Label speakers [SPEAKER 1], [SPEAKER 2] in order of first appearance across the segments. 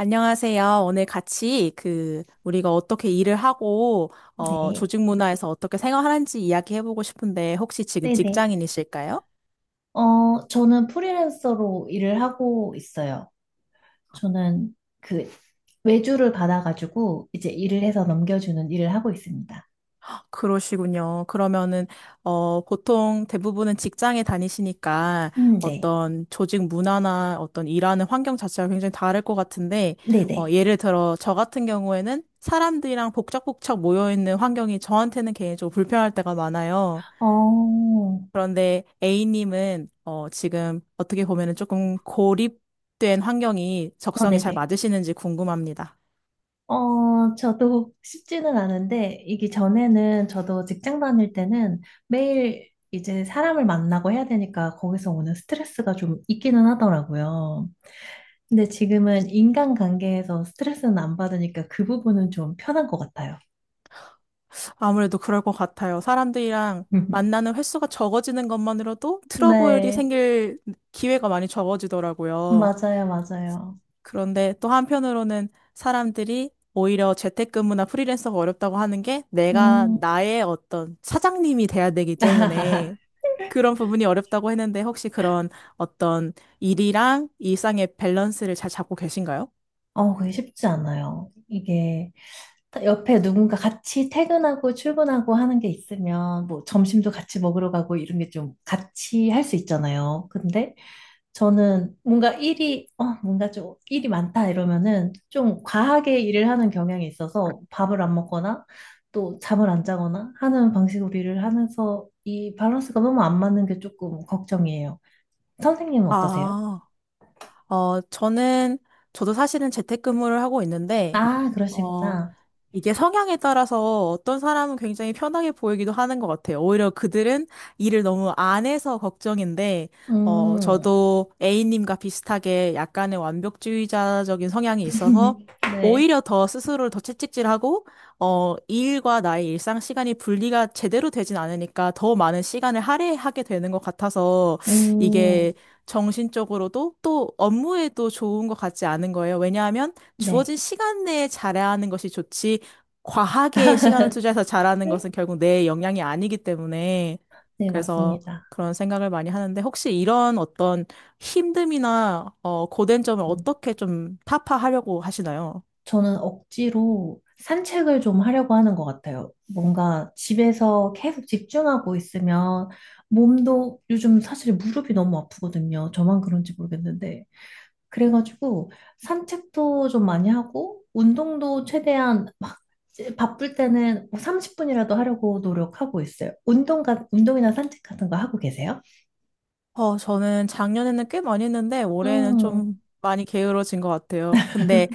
[SPEAKER 1] 안녕하세요. 오늘 같이 그 우리가 어떻게 일을 하고
[SPEAKER 2] 네.
[SPEAKER 1] 조직 문화에서 어떻게 생활하는지 이야기해 보고 싶은데 혹시 지금
[SPEAKER 2] 네네.
[SPEAKER 1] 직장인이실까요?
[SPEAKER 2] 저는 프리랜서로 일을 하고 있어요. 저는 그 외주를 받아가지고 이제 일을 해서 넘겨주는 일을 하고 있습니다.
[SPEAKER 1] 그러시군요. 그러면은 보통 대부분은 직장에 다니시니까
[SPEAKER 2] 네.
[SPEAKER 1] 어떤 조직 문화나 어떤 일하는 환경 자체가 굉장히 다를 것 같은데
[SPEAKER 2] 네네.
[SPEAKER 1] 예를 들어 저 같은 경우에는 사람들이랑 복작복작 모여 있는 환경이 저한테는 개인적으로 불편할 때가 많아요.
[SPEAKER 2] 어, 어,
[SPEAKER 1] 그런데 A님은 지금 어떻게 보면은 조금 고립된 환경이 적성에 잘
[SPEAKER 2] 네네.
[SPEAKER 1] 맞으시는지 궁금합니다.
[SPEAKER 2] 저도 쉽지는 않은데, 이게 전에는 저도 직장 다닐 때는 매일 이제 사람을 만나고 해야 되니까 거기서 오는 스트레스가 좀 있기는 하더라고요. 근데 지금은 인간관계에서 스트레스는 안 받으니까 그 부분은 좀 편한 것 같아요.
[SPEAKER 1] 아무래도 그럴 것 같아요. 사람들이랑 만나는 횟수가 적어지는 것만으로도 트러블이
[SPEAKER 2] 네,
[SPEAKER 1] 생길 기회가 많이 적어지더라고요.
[SPEAKER 2] 맞아요, 맞아요.
[SPEAKER 1] 그런데 또 한편으로는 사람들이 오히려 재택근무나 프리랜서가 어렵다고 하는 게 내가
[SPEAKER 2] 음,
[SPEAKER 1] 나의 어떤 사장님이 돼야 되기 때문에 그런 부분이 어렵다고 했는데 혹시 그런 어떤 일이랑 일상의 밸런스를 잘 잡고 계신가요?
[SPEAKER 2] 그게 쉽지 않아요. 이게 옆에 누군가 같이 퇴근하고 출근하고 하는 게 있으면 뭐 점심도 같이 먹으러 가고 이런 게 좀 같이 할 수 있잖아요. 근데 저는 뭔가 좀 일이 많다 이러면은 좀 과하게 일을 하는 경향이 있어서 밥을 안 먹거나 또 잠을 안 자거나 하는 방식으로 일을 하면서 이 밸런스가 너무 안 맞는 게 조금 걱정이에요. 선생님은 어떠세요?
[SPEAKER 1] 아, 어, 저는, 저도 사실은 재택근무를 하고 있는데,
[SPEAKER 2] 아,
[SPEAKER 1] 어,
[SPEAKER 2] 그러시구나.
[SPEAKER 1] 이게 성향에 따라서 어떤 사람은 굉장히 편하게 보이기도 하는 것 같아요. 오히려 그들은 일을 너무 안 해서 걱정인데,
[SPEAKER 2] 음,
[SPEAKER 1] 저도 A님과 비슷하게 약간의 완벽주의자적인 성향이 있어서
[SPEAKER 2] 네.
[SPEAKER 1] 오히려 더 스스로를 더 채찍질하고, 이 일과 나의 일상 시간이 분리가 제대로 되진 않으니까 더 많은 시간을 할애하게 되는 것 같아서
[SPEAKER 2] 음,
[SPEAKER 1] 이게 정신적으로도 또 업무에도 좋은 것 같지 않은 거예요. 왜냐하면
[SPEAKER 2] 네.
[SPEAKER 1] 주어진 시간 내에 잘해야 하는 것이 좋지, 과하게 시간을 투자해서 잘하는 것은 결국 내 역량이 아니기 때문에
[SPEAKER 2] 네,
[SPEAKER 1] 그래서
[SPEAKER 2] 맞습니다.
[SPEAKER 1] 그런 생각을 많이 하는데 혹시 이런 어떤 힘듦이나 고된 점을
[SPEAKER 2] 음.
[SPEAKER 1] 어떻게 좀 타파하려고 하시나요?
[SPEAKER 2] 저는 억지로 산책을 좀 하려고 하는 것 같아요. 뭔가 집에서 계속 집중하고 있으면 몸도 요즘 사실 무릎이 너무 아프거든요. 저만 그런지 모르겠는데. 그래가지고 산책도 좀 많이 하고 운동도 최대한 막 바쁠 때는 30분이라도 하려고 노력하고 있어요. 운동이나 산책 같은 거 하고 계세요?
[SPEAKER 1] 저는 작년에는 꽤 많이 했는데 올해는
[SPEAKER 2] 음,
[SPEAKER 1] 좀 많이 게으러진 것 같아요. 근데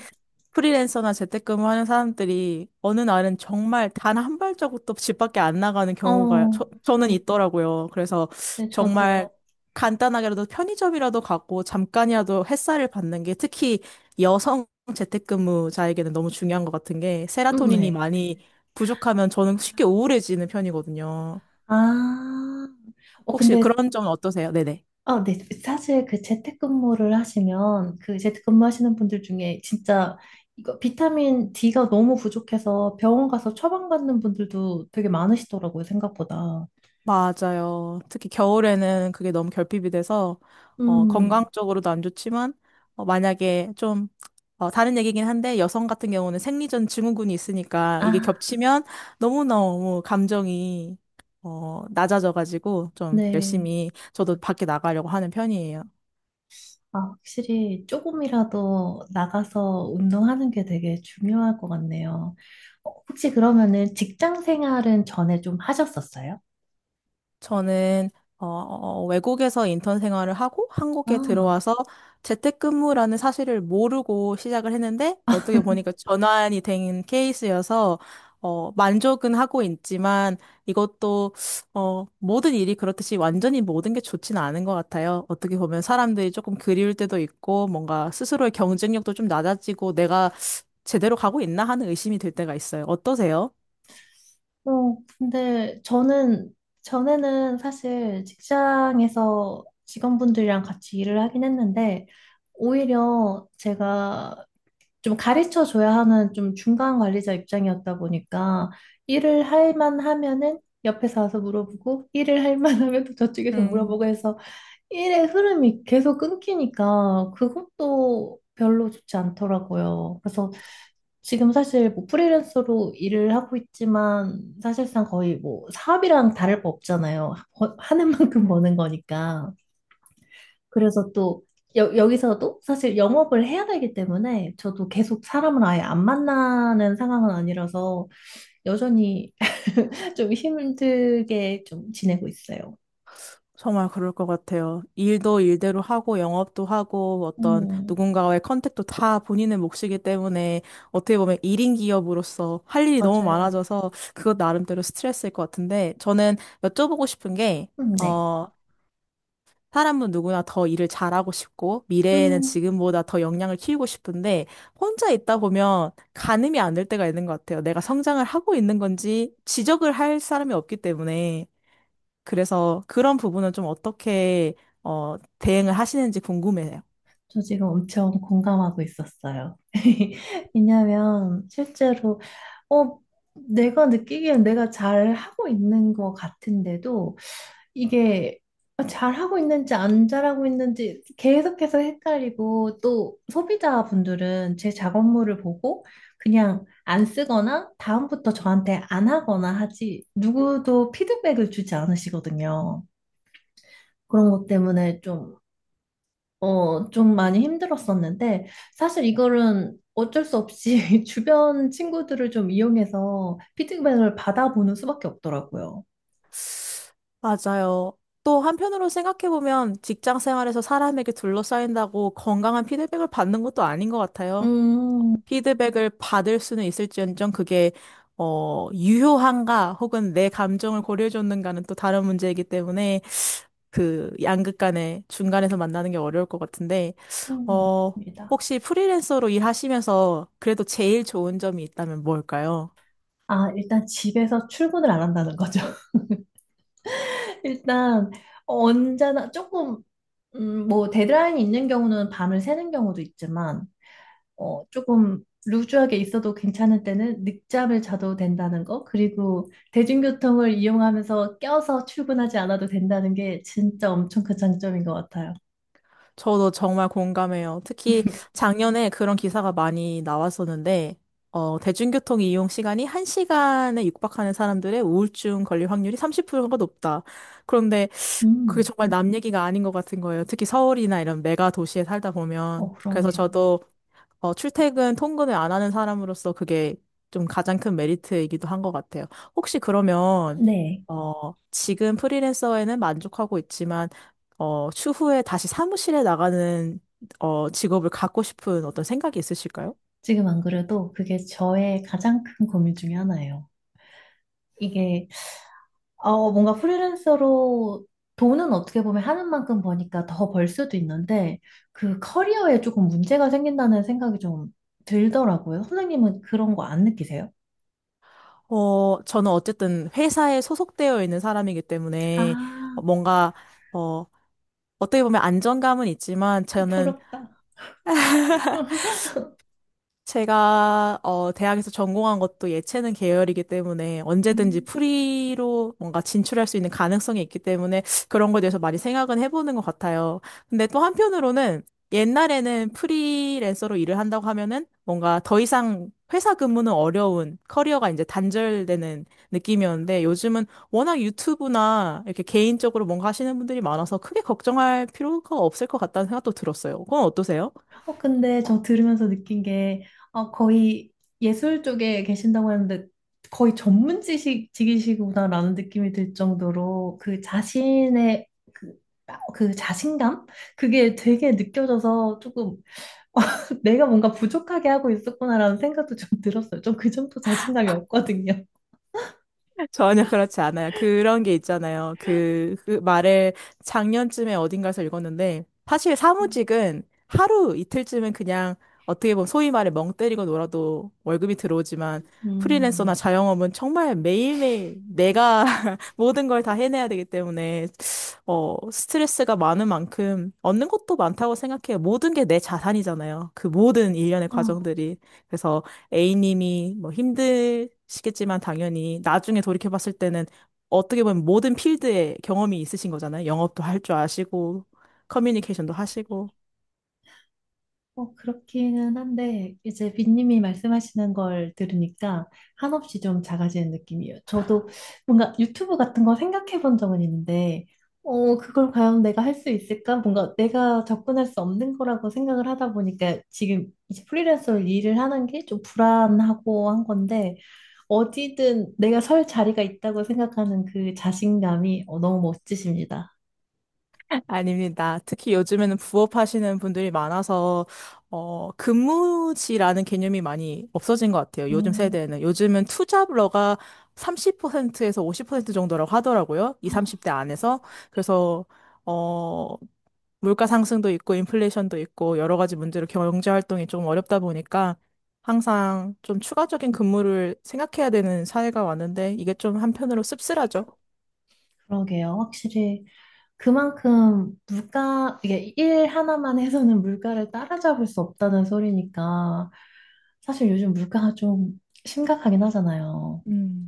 [SPEAKER 1] 프리랜서나 재택근무하는 사람들이 어느 날은 정말 단 한 발자국도 집 밖에 안 나가는 경우가
[SPEAKER 2] 어,
[SPEAKER 1] 저는 있더라고요. 그래서
[SPEAKER 2] 네,
[SPEAKER 1] 정말
[SPEAKER 2] 저도요.
[SPEAKER 1] 간단하게라도 편의점이라도 가고 잠깐이라도 햇살을 받는 게 특히 여성 재택근무자에게는 너무 중요한 것 같은 게 세라토닌이
[SPEAKER 2] 네.
[SPEAKER 1] 많이 부족하면 저는 쉽게 우울해지는 편이거든요.
[SPEAKER 2] 아, 어,
[SPEAKER 1] 혹시
[SPEAKER 2] 근데
[SPEAKER 1] 그런 점은 어떠세요? 네네.
[SPEAKER 2] 아, 네. 사실 그 재택근무를 하시면 그 재택근무 하시는 분들 중에 진짜 이거 비타민 D가 너무 부족해서 병원 가서 처방받는 분들도 되게 많으시더라고요, 생각보다.
[SPEAKER 1] 맞아요. 특히 겨울에는 그게 너무 결핍이 돼서
[SPEAKER 2] 음,
[SPEAKER 1] 건강적으로도 안 좋지만 만약에 좀 다른 얘기긴 한데 여성 같은 경우는 생리전 증후군이 있으니까
[SPEAKER 2] 아,
[SPEAKER 1] 이게 겹치면 너무너무 감정이 낮아져가지고 좀
[SPEAKER 2] 네.
[SPEAKER 1] 열심히 저도 밖에 나가려고 하는 편이에요.
[SPEAKER 2] 아, 확실히 조금이라도 나가서 운동하는 게 되게 중요할 것 같네요. 혹시 그러면은 직장 생활은 전에 좀 하셨었어요?
[SPEAKER 1] 저는 외국에서 인턴 생활을 하고 한국에
[SPEAKER 2] 아,
[SPEAKER 1] 들어와서 재택근무라는 사실을 모르고 시작을 했는데 어떻게 보니까 전환이 된 케이스여서 만족은 하고 있지만 이것도 모든 일이 그렇듯이 완전히 모든 게 좋지는 않은 것 같아요. 어떻게 보면 사람들이 조금 그리울 때도 있고 뭔가 스스로의 경쟁력도 좀 낮아지고 내가 제대로 가고 있나 하는 의심이 들 때가 있어요. 어떠세요?
[SPEAKER 2] 근데 저는 전에는 사실 직장에서 직원분들이랑 같이 일을 하긴 했는데 오히려 제가 좀 가르쳐 줘야 하는 좀 중간 관리자 입장이었다 보니까 일을 할 만하면은 옆에서 와서 물어보고 일을 할 만하면 또 저쪽에서 물어보고
[SPEAKER 1] 음.
[SPEAKER 2] 해서 일의 흐름이 계속 끊기니까 그것도 별로 좋지 않더라고요. 그래서 지금 사실 뭐 프리랜서로 일을 하고 있지만 사실상 거의 뭐 사업이랑 다를 바 없잖아요. 하는 만큼 버는 거니까. 그래서 또 여기서도 사실 영업을 해야 되기 때문에 저도 계속 사람을 아예 안 만나는 상황은 아니라서 여전히 좀 힘들게 좀 지내고 있어요.
[SPEAKER 1] 정말 그럴 것 같아요. 일도 일대로 하고 영업도 하고 어떤
[SPEAKER 2] 음,
[SPEAKER 1] 누군가와의 컨택도 다 본인의 몫이기 때문에 어떻게 보면 1인 기업으로서 할 일이 너무
[SPEAKER 2] 맞아요.
[SPEAKER 1] 많아져서 그것 나름대로 스트레스일 것 같은데 저는 여쭤보고 싶은 게,
[SPEAKER 2] 네.
[SPEAKER 1] 어, 사람은 누구나 더 일을 잘하고 싶고 미래에는
[SPEAKER 2] 음,
[SPEAKER 1] 지금보다 더 역량을 키우고 싶은데 혼자 있다 보면 가늠이 안 될 때가 있는 것 같아요. 내가 성장을 하고 있는 건지 지적을 할 사람이 없기 때문에. 그래서 그런 부분은 좀 어떻게 대응을 하시는지 궁금해요.
[SPEAKER 2] 저 지금 엄청 공감하고 있었어요. 왜냐하면 실제로 어, 내가 느끼기엔 내가 잘 하고 있는 것 같은데도 이게 잘 하고 있는지 안 잘하고 있는지 계속해서 헷갈리고 또 소비자분들은 제 작업물을 보고 그냥 안 쓰거나 다음부터 저한테 안 하거나 하지 누구도 피드백을 주지 않으시거든요. 그런 것 때문에 좀 많이 힘들었었는데, 사실 이거는 어쩔 수 없이 주변 친구들을 좀 이용해서 피드백을 받아보는 수밖에 없더라고요.
[SPEAKER 1] 맞아요. 또 한편으로 생각해보면 직장 생활에서 사람에게 둘러싸인다고 건강한 피드백을 받는 것도 아닌 것 같아요.
[SPEAKER 2] 음,
[SPEAKER 1] 피드백을 받을 수는 있을지언정 그게 유효한가 혹은 내 감정을 고려해줬는가는 또 다른 문제이기 때문에 그 양극 간의 중간에서 만나는 게 어려울 것 같은데
[SPEAKER 2] 음,
[SPEAKER 1] 어,
[SPEAKER 2] 맞습니다.
[SPEAKER 1] 혹시 프리랜서로 일하시면서 그래도 제일 좋은 점이 있다면 뭘까요?
[SPEAKER 2] 아, 일단 집에서 출근을 안 한다는 거죠. 일단, 언제나 조금, 뭐, 데드라인이 있는 경우는 밤을 새는 경우도 있지만, 조금 루즈하게 있어도 괜찮을 때는 늦잠을 자도 된다는 거, 그리고 대중교통을 이용하면서 껴서 출근하지 않아도 된다는 게 진짜 엄청 큰 장점인 것 같아요.
[SPEAKER 1] 저도 정말 공감해요. 특히 작년에 그런 기사가 많이 나왔었는데, 대중교통 이용 시간이 1시간에 육박하는 사람들의 우울증 걸릴 확률이 30%가 높다. 그런데 그게
[SPEAKER 2] 음,
[SPEAKER 1] 정말 남 얘기가 아닌 것 같은 거예요. 특히 서울이나 이런 메가 도시에 살다 보면. 그래서
[SPEAKER 2] 그러네요.
[SPEAKER 1] 저도 출퇴근 통근을 안 하는 사람으로서 그게 좀 가장 큰 메리트이기도 한 것 같아요. 혹시 그러면,
[SPEAKER 2] 네.
[SPEAKER 1] 지금 프리랜서에는 만족하고 있지만, 추후에 다시 사무실에 나가는, 직업을 갖고 싶은 어떤 생각이 있으실까요?
[SPEAKER 2] 지금 안 그래도 그게 저의 가장 큰 고민 중에 하나예요. 이게, 뭔가 프리랜서로 돈은 어떻게 보면 하는 만큼 버니까 더 벌 수도 있는데, 그 커리어에 조금 문제가 생긴다는 생각이 좀 들더라고요. 선생님은 그런 거 안 느끼세요?
[SPEAKER 1] 저는 어쨌든 회사에 소속되어 있는 사람이기 때문에
[SPEAKER 2] 아,
[SPEAKER 1] 뭔가, 어, 어떻게 보면 안정감은 있지만 저는
[SPEAKER 2] 부럽다.
[SPEAKER 1] 제가 대학에서 전공한 것도 예체능 계열이기 때문에 언제든지
[SPEAKER 2] 음.
[SPEAKER 1] 프리로 뭔가 진출할 수 있는 가능성이 있기 때문에 그런 거에 대해서 많이 생각은 해보는 것 같아요. 근데 또 한편으로는 옛날에는 프리랜서로 일을 한다고 하면은 뭔가 더 이상 회사 근무는 어려운 커리어가 이제 단절되는 느낌이었는데 요즘은 워낙 유튜브나 이렇게 개인적으로 뭔가 하시는 분들이 많아서 크게 걱정할 필요가 없을 것 같다는 생각도 들었어요. 그건 어떠세요?
[SPEAKER 2] 근데 저 들으면서 느낀 게, 거의 예술 쪽에 계신다고 했는데, 거의 전문 직이시구나라는 느낌이 들 정도로, 그 자신감? 그게 되게 느껴져서 조금, 내가 뭔가 부족하게 하고 있었구나라는 생각도 좀 들었어요. 좀 그 정도 자신감이 없거든요.
[SPEAKER 1] 전혀 그렇지 않아요. 그런 게 있잖아요. 그 말을 작년쯤에 어딘가에서 읽었는데, 사실 사무직은 하루 이틀쯤은 그냥 어떻게 보면 소위 말해 멍 때리고 놀아도 월급이 들어오지만, 프리랜서나
[SPEAKER 2] 음.
[SPEAKER 1] 자영업은 정말 매일매일 내가 모든 걸 다 해내야 되기 때문에 스트레스가 많은 만큼 얻는 것도 많다고 생각해요. 모든 게 내 자산이잖아요. 그 모든 일련의 과정들이. 그래서 A님이 뭐 힘드시겠지만 당연히 나중에 돌이켜봤을 때는 어떻게 보면 모든 필드에 경험이 있으신 거잖아요. 영업도 할 줄 아시고, 커뮤니케이션도 하시고.
[SPEAKER 2] 그렇기는 한데, 이제 빈님이 말씀하시는 걸 들으니까 한없이 좀 작아지는 느낌이에요. 저도 뭔가 유튜브 같은 거 생각해 본 적은 있는데, 그걸 과연 내가 할 수 있을까? 뭔가 내가 접근할 수 없는 거라고 생각을 하다 보니까 지금 이제 프리랜서로 일을 하는 게 좀 불안하고 한 건데, 어디든 내가 설 자리가 있다고 생각하는 그 자신감이 너무 멋지십니다.
[SPEAKER 1] 아닙니다. 특히 요즘에는 부업하시는 분들이 많아서, 근무지라는 개념이 많이 없어진 것 같아요. 요즘
[SPEAKER 2] 음,
[SPEAKER 1] 세대에는. 요즘은 투잡러가 30%에서 50% 정도라고 하더라고요. 이 30대 안에서. 그래서, 어, 물가 상승도 있고, 인플레이션도 있고, 여러 가지 문제로 경제 활동이 좀 어렵다 보니까, 항상 좀 추가적인 근무를 생각해야 되는 사회가 왔는데 이게 좀 한편으로 씁쓸하죠.
[SPEAKER 2] 그러게요. 확실히. 그만큼 물가, 이게 일 하나만 해서는 물가를 따라잡을 수 없다는 소리니까 사실 요즘 물가가 좀 심각하긴 하잖아요.
[SPEAKER 1] 음,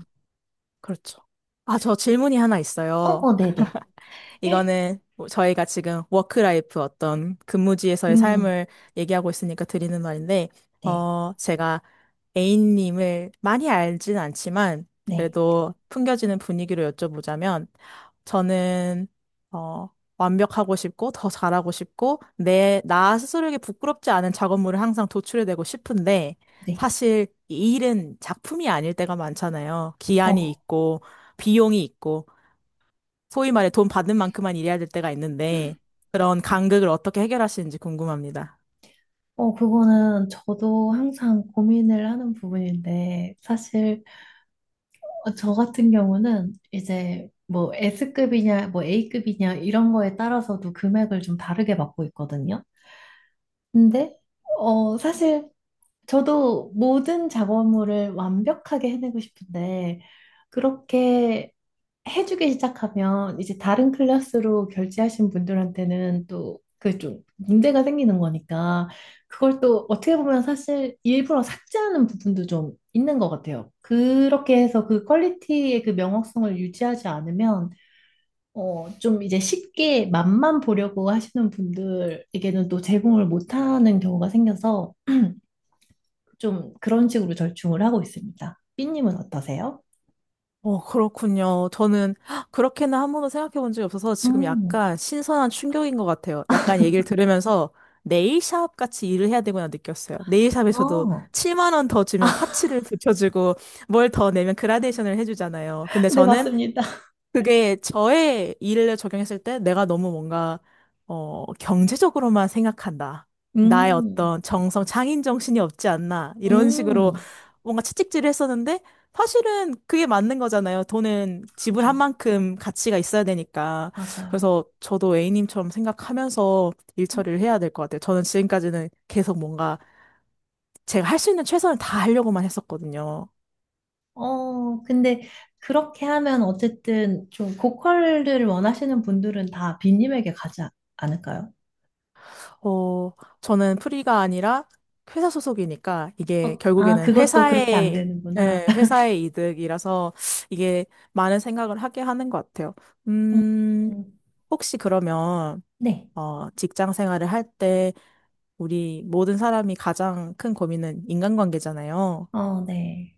[SPEAKER 1] 그렇죠. 아, 저 질문이 하나
[SPEAKER 2] 어,
[SPEAKER 1] 있어요.
[SPEAKER 2] 어, 네네. 헉,
[SPEAKER 1] 이거는 뭐 저희가 지금 워크라이프 어떤 근무지에서의
[SPEAKER 2] 음, 음,
[SPEAKER 1] 삶을 얘기하고 있으니까 드리는 말인데,
[SPEAKER 2] 네,
[SPEAKER 1] 제가 A님을 많이 알진 않지만,
[SPEAKER 2] 네,
[SPEAKER 1] 그래도 풍겨지는 분위기로 여쭤보자면, 저는, 어, 완벽하고 싶고, 더 잘하고 싶고, 나 스스로에게 부끄럽지 않은 작업물을 항상 도출해내고 싶은데,
[SPEAKER 2] 네.
[SPEAKER 1] 사실 이 일은 작품이 아닐 때가 많잖아요. 기한이
[SPEAKER 2] 어,
[SPEAKER 1] 있고, 비용이 있고, 소위 말해 돈 받는 만큼만 일해야 될 때가 있는데 그런 간극을 어떻게 해결하시는지 궁금합니다.
[SPEAKER 2] 그거는 저도 항상 고민을 하는 부분인데 사실 저 같은 경우는 이제 뭐 S급이냐, 뭐 A급이냐 이런 거에 따라서도 금액을 좀 다르게 받고 있거든요. 근데 사실 저도 모든 작업물을 완벽하게 해내고 싶은데, 그렇게 해주기 시작하면 이제 다른 클래스로 결제하신 분들한테는 또 그 좀 문제가 생기는 거니까, 그걸 또 어떻게 보면 사실 일부러 삭제하는 부분도 좀 있는 것 같아요. 그렇게 해서 그 퀄리티의 그 명확성을 유지하지 않으면, 좀 이제 쉽게 맛만 보려고 하시는 분들에게는 또 제공을 못하는 경우가 생겨서, 좀 그런 식으로 절충을 하고 있습니다. 삐님은 어떠세요?
[SPEAKER 1] 그렇군요. 저는 그렇게는 한 번도 생각해 본 적이 없어서 지금
[SPEAKER 2] 음,
[SPEAKER 1] 약간 신선한 충격인 것 같아요. 약간 얘기를 들으면서 네일샵 같이 일을 해야 되구나 느꼈어요. 네일샵에서도
[SPEAKER 2] 어,
[SPEAKER 1] 7만 원 더 주면 파츠를 붙여주고 뭘 더 내면 그라데이션을 해주잖아요. 근데
[SPEAKER 2] 네,
[SPEAKER 1] 저는
[SPEAKER 2] 맞습니다.
[SPEAKER 1] 그게 저의 일을 적용했을 때 내가 너무 뭔가, 경제적으로만 생각한다. 나의
[SPEAKER 2] 음,
[SPEAKER 1] 어떤 정성, 장인 정신이 없지 않나. 이런 식으로
[SPEAKER 2] 음,
[SPEAKER 1] 뭔가 채찍질을 했었는데, 사실은 그게 맞는 거잖아요. 돈은 지불한
[SPEAKER 2] 그죠.
[SPEAKER 1] 만큼 가치가 있어야 되니까.
[SPEAKER 2] 맞아요.
[SPEAKER 1] 그래서 저도 A님처럼 생각하면서 일 처리를 해야 될 것 같아요. 저는 지금까지는 계속 뭔가 제가 할 수 있는 최선을 다 하려고만 했었거든요.
[SPEAKER 2] 근데 그렇게 하면 어쨌든 좀 고퀄을 원하시는 분들은 다 빈님에게 가지 않을까요?
[SPEAKER 1] 어, 저는 프리가 아니라 회사 소속이니까 이게
[SPEAKER 2] 아,
[SPEAKER 1] 결국에는
[SPEAKER 2] 그것도 그렇게 안
[SPEAKER 1] 회사의,
[SPEAKER 2] 되는구나.
[SPEAKER 1] 예, 회사의 이득이라서 이게 많은 생각을 하게 하는 것 같아요.
[SPEAKER 2] 음,
[SPEAKER 1] 음,
[SPEAKER 2] 음,
[SPEAKER 1] 혹시 그러면,
[SPEAKER 2] 네.
[SPEAKER 1] 직장 생활을 할 때 우리 모든 사람이 가장 큰 고민은 인간관계잖아요.
[SPEAKER 2] 어, 네.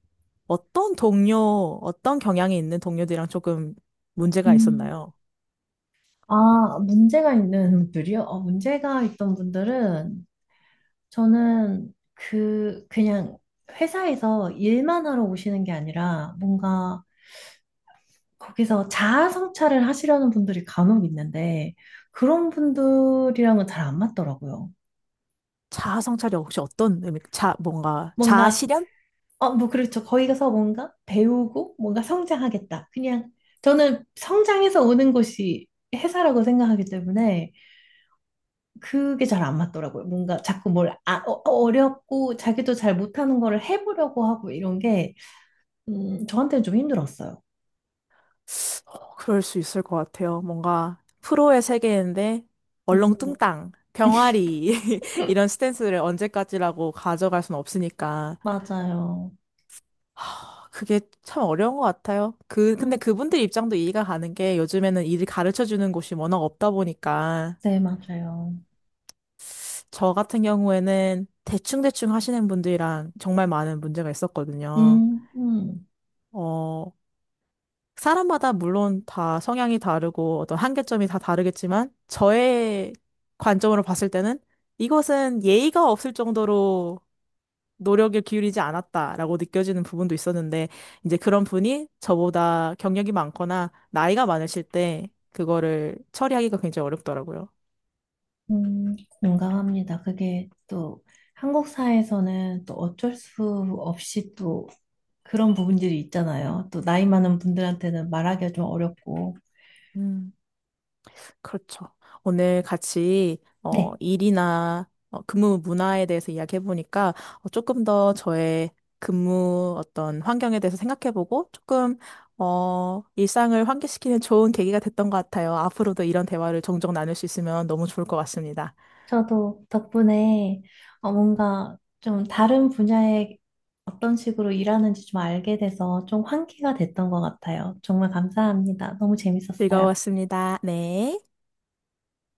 [SPEAKER 1] 어떤 동료, 어떤 경향이 있는 동료들이랑 조금 문제가
[SPEAKER 2] 음.
[SPEAKER 1] 있었나요?
[SPEAKER 2] 아, 문제가 있는 분들이요? 문제가 있던 분들은 저는 그냥 회사에서 일만 하러 오시는 게 아니라 뭔가 거기서 자아 성찰을 하시려는 분들이 간혹 있는데 그런 분들이랑은 잘 안 맞더라고요.
[SPEAKER 1] 자아 성찰이 혹시 어떤 의미, 자, 뭔가, 자아
[SPEAKER 2] 뭔가
[SPEAKER 1] 실현?
[SPEAKER 2] 뭐 그렇죠. 거기 가서 뭔가 배우고 뭔가 성장하겠다. 그냥 저는 성장해서 오는 곳이 회사라고 생각하기 때문에 그게 잘 안 맞더라고요. 뭔가 자꾸 뭘 어렵고 자기도 잘 못하는 거를 해보려고 하고 이런 게 저한테는 좀 힘들었어요.
[SPEAKER 1] 그럴 수 있을 것 같아요. 뭔가 프로의 세계인데
[SPEAKER 2] 음,
[SPEAKER 1] 얼렁뚱땅, 병아리 이런 스탠스를 언제까지라고 가져갈 순 없으니까
[SPEAKER 2] 맞아요.
[SPEAKER 1] 하, 그게 참 어려운 것 같아요. 그 근데
[SPEAKER 2] 음,
[SPEAKER 1] 그분들 입장도 이해가 가는 게 요즘에는 일을 가르쳐 주는 곳이 워낙 없다 보니까
[SPEAKER 2] 네, 맞아요.
[SPEAKER 1] 저 같은 경우에는 대충대충 하시는 분들이랑 정말 많은 문제가 있었거든요.
[SPEAKER 2] 음, 음,
[SPEAKER 1] 어, 사람마다 물론 다 성향이 다르고 어떤 한계점이 다 다르겠지만 저의 관점으로 봤을 때는 이것은 예의가 없을 정도로 노력을 기울이지 않았다라고 느껴지는 부분도 있었는데 이제 그런 분이 저보다 경력이 많거나 나이가 많으실 때 그거를 처리하기가 굉장히 어렵더라고요.
[SPEAKER 2] 공감합니다. 그게 또 한국 사회에서는 또 어쩔 수 없이 또 그런 부분들이 있잖아요. 또 나이 많은 분들한테는 말하기가 좀 어렵고.
[SPEAKER 1] 음. 그렇죠. 오늘 같이
[SPEAKER 2] 네,
[SPEAKER 1] 일이나 근무 문화에 대해서 이야기해보니까 조금 더 저의 근무 어떤 환경에 대해서 생각해보고 조금 일상을 환기시키는 좋은 계기가 됐던 것 같아요. 앞으로도 이런 대화를 종종 나눌 수 있으면 너무 좋을 것 같습니다.
[SPEAKER 2] 저도 덕분에 뭔가 좀 다른 분야에 어떤 식으로 일하는지 좀 알게 돼서 좀 환기가 됐던 것 같아요. 정말 감사합니다. 너무 재밌었어요.
[SPEAKER 1] 즐거웠습니다. 네.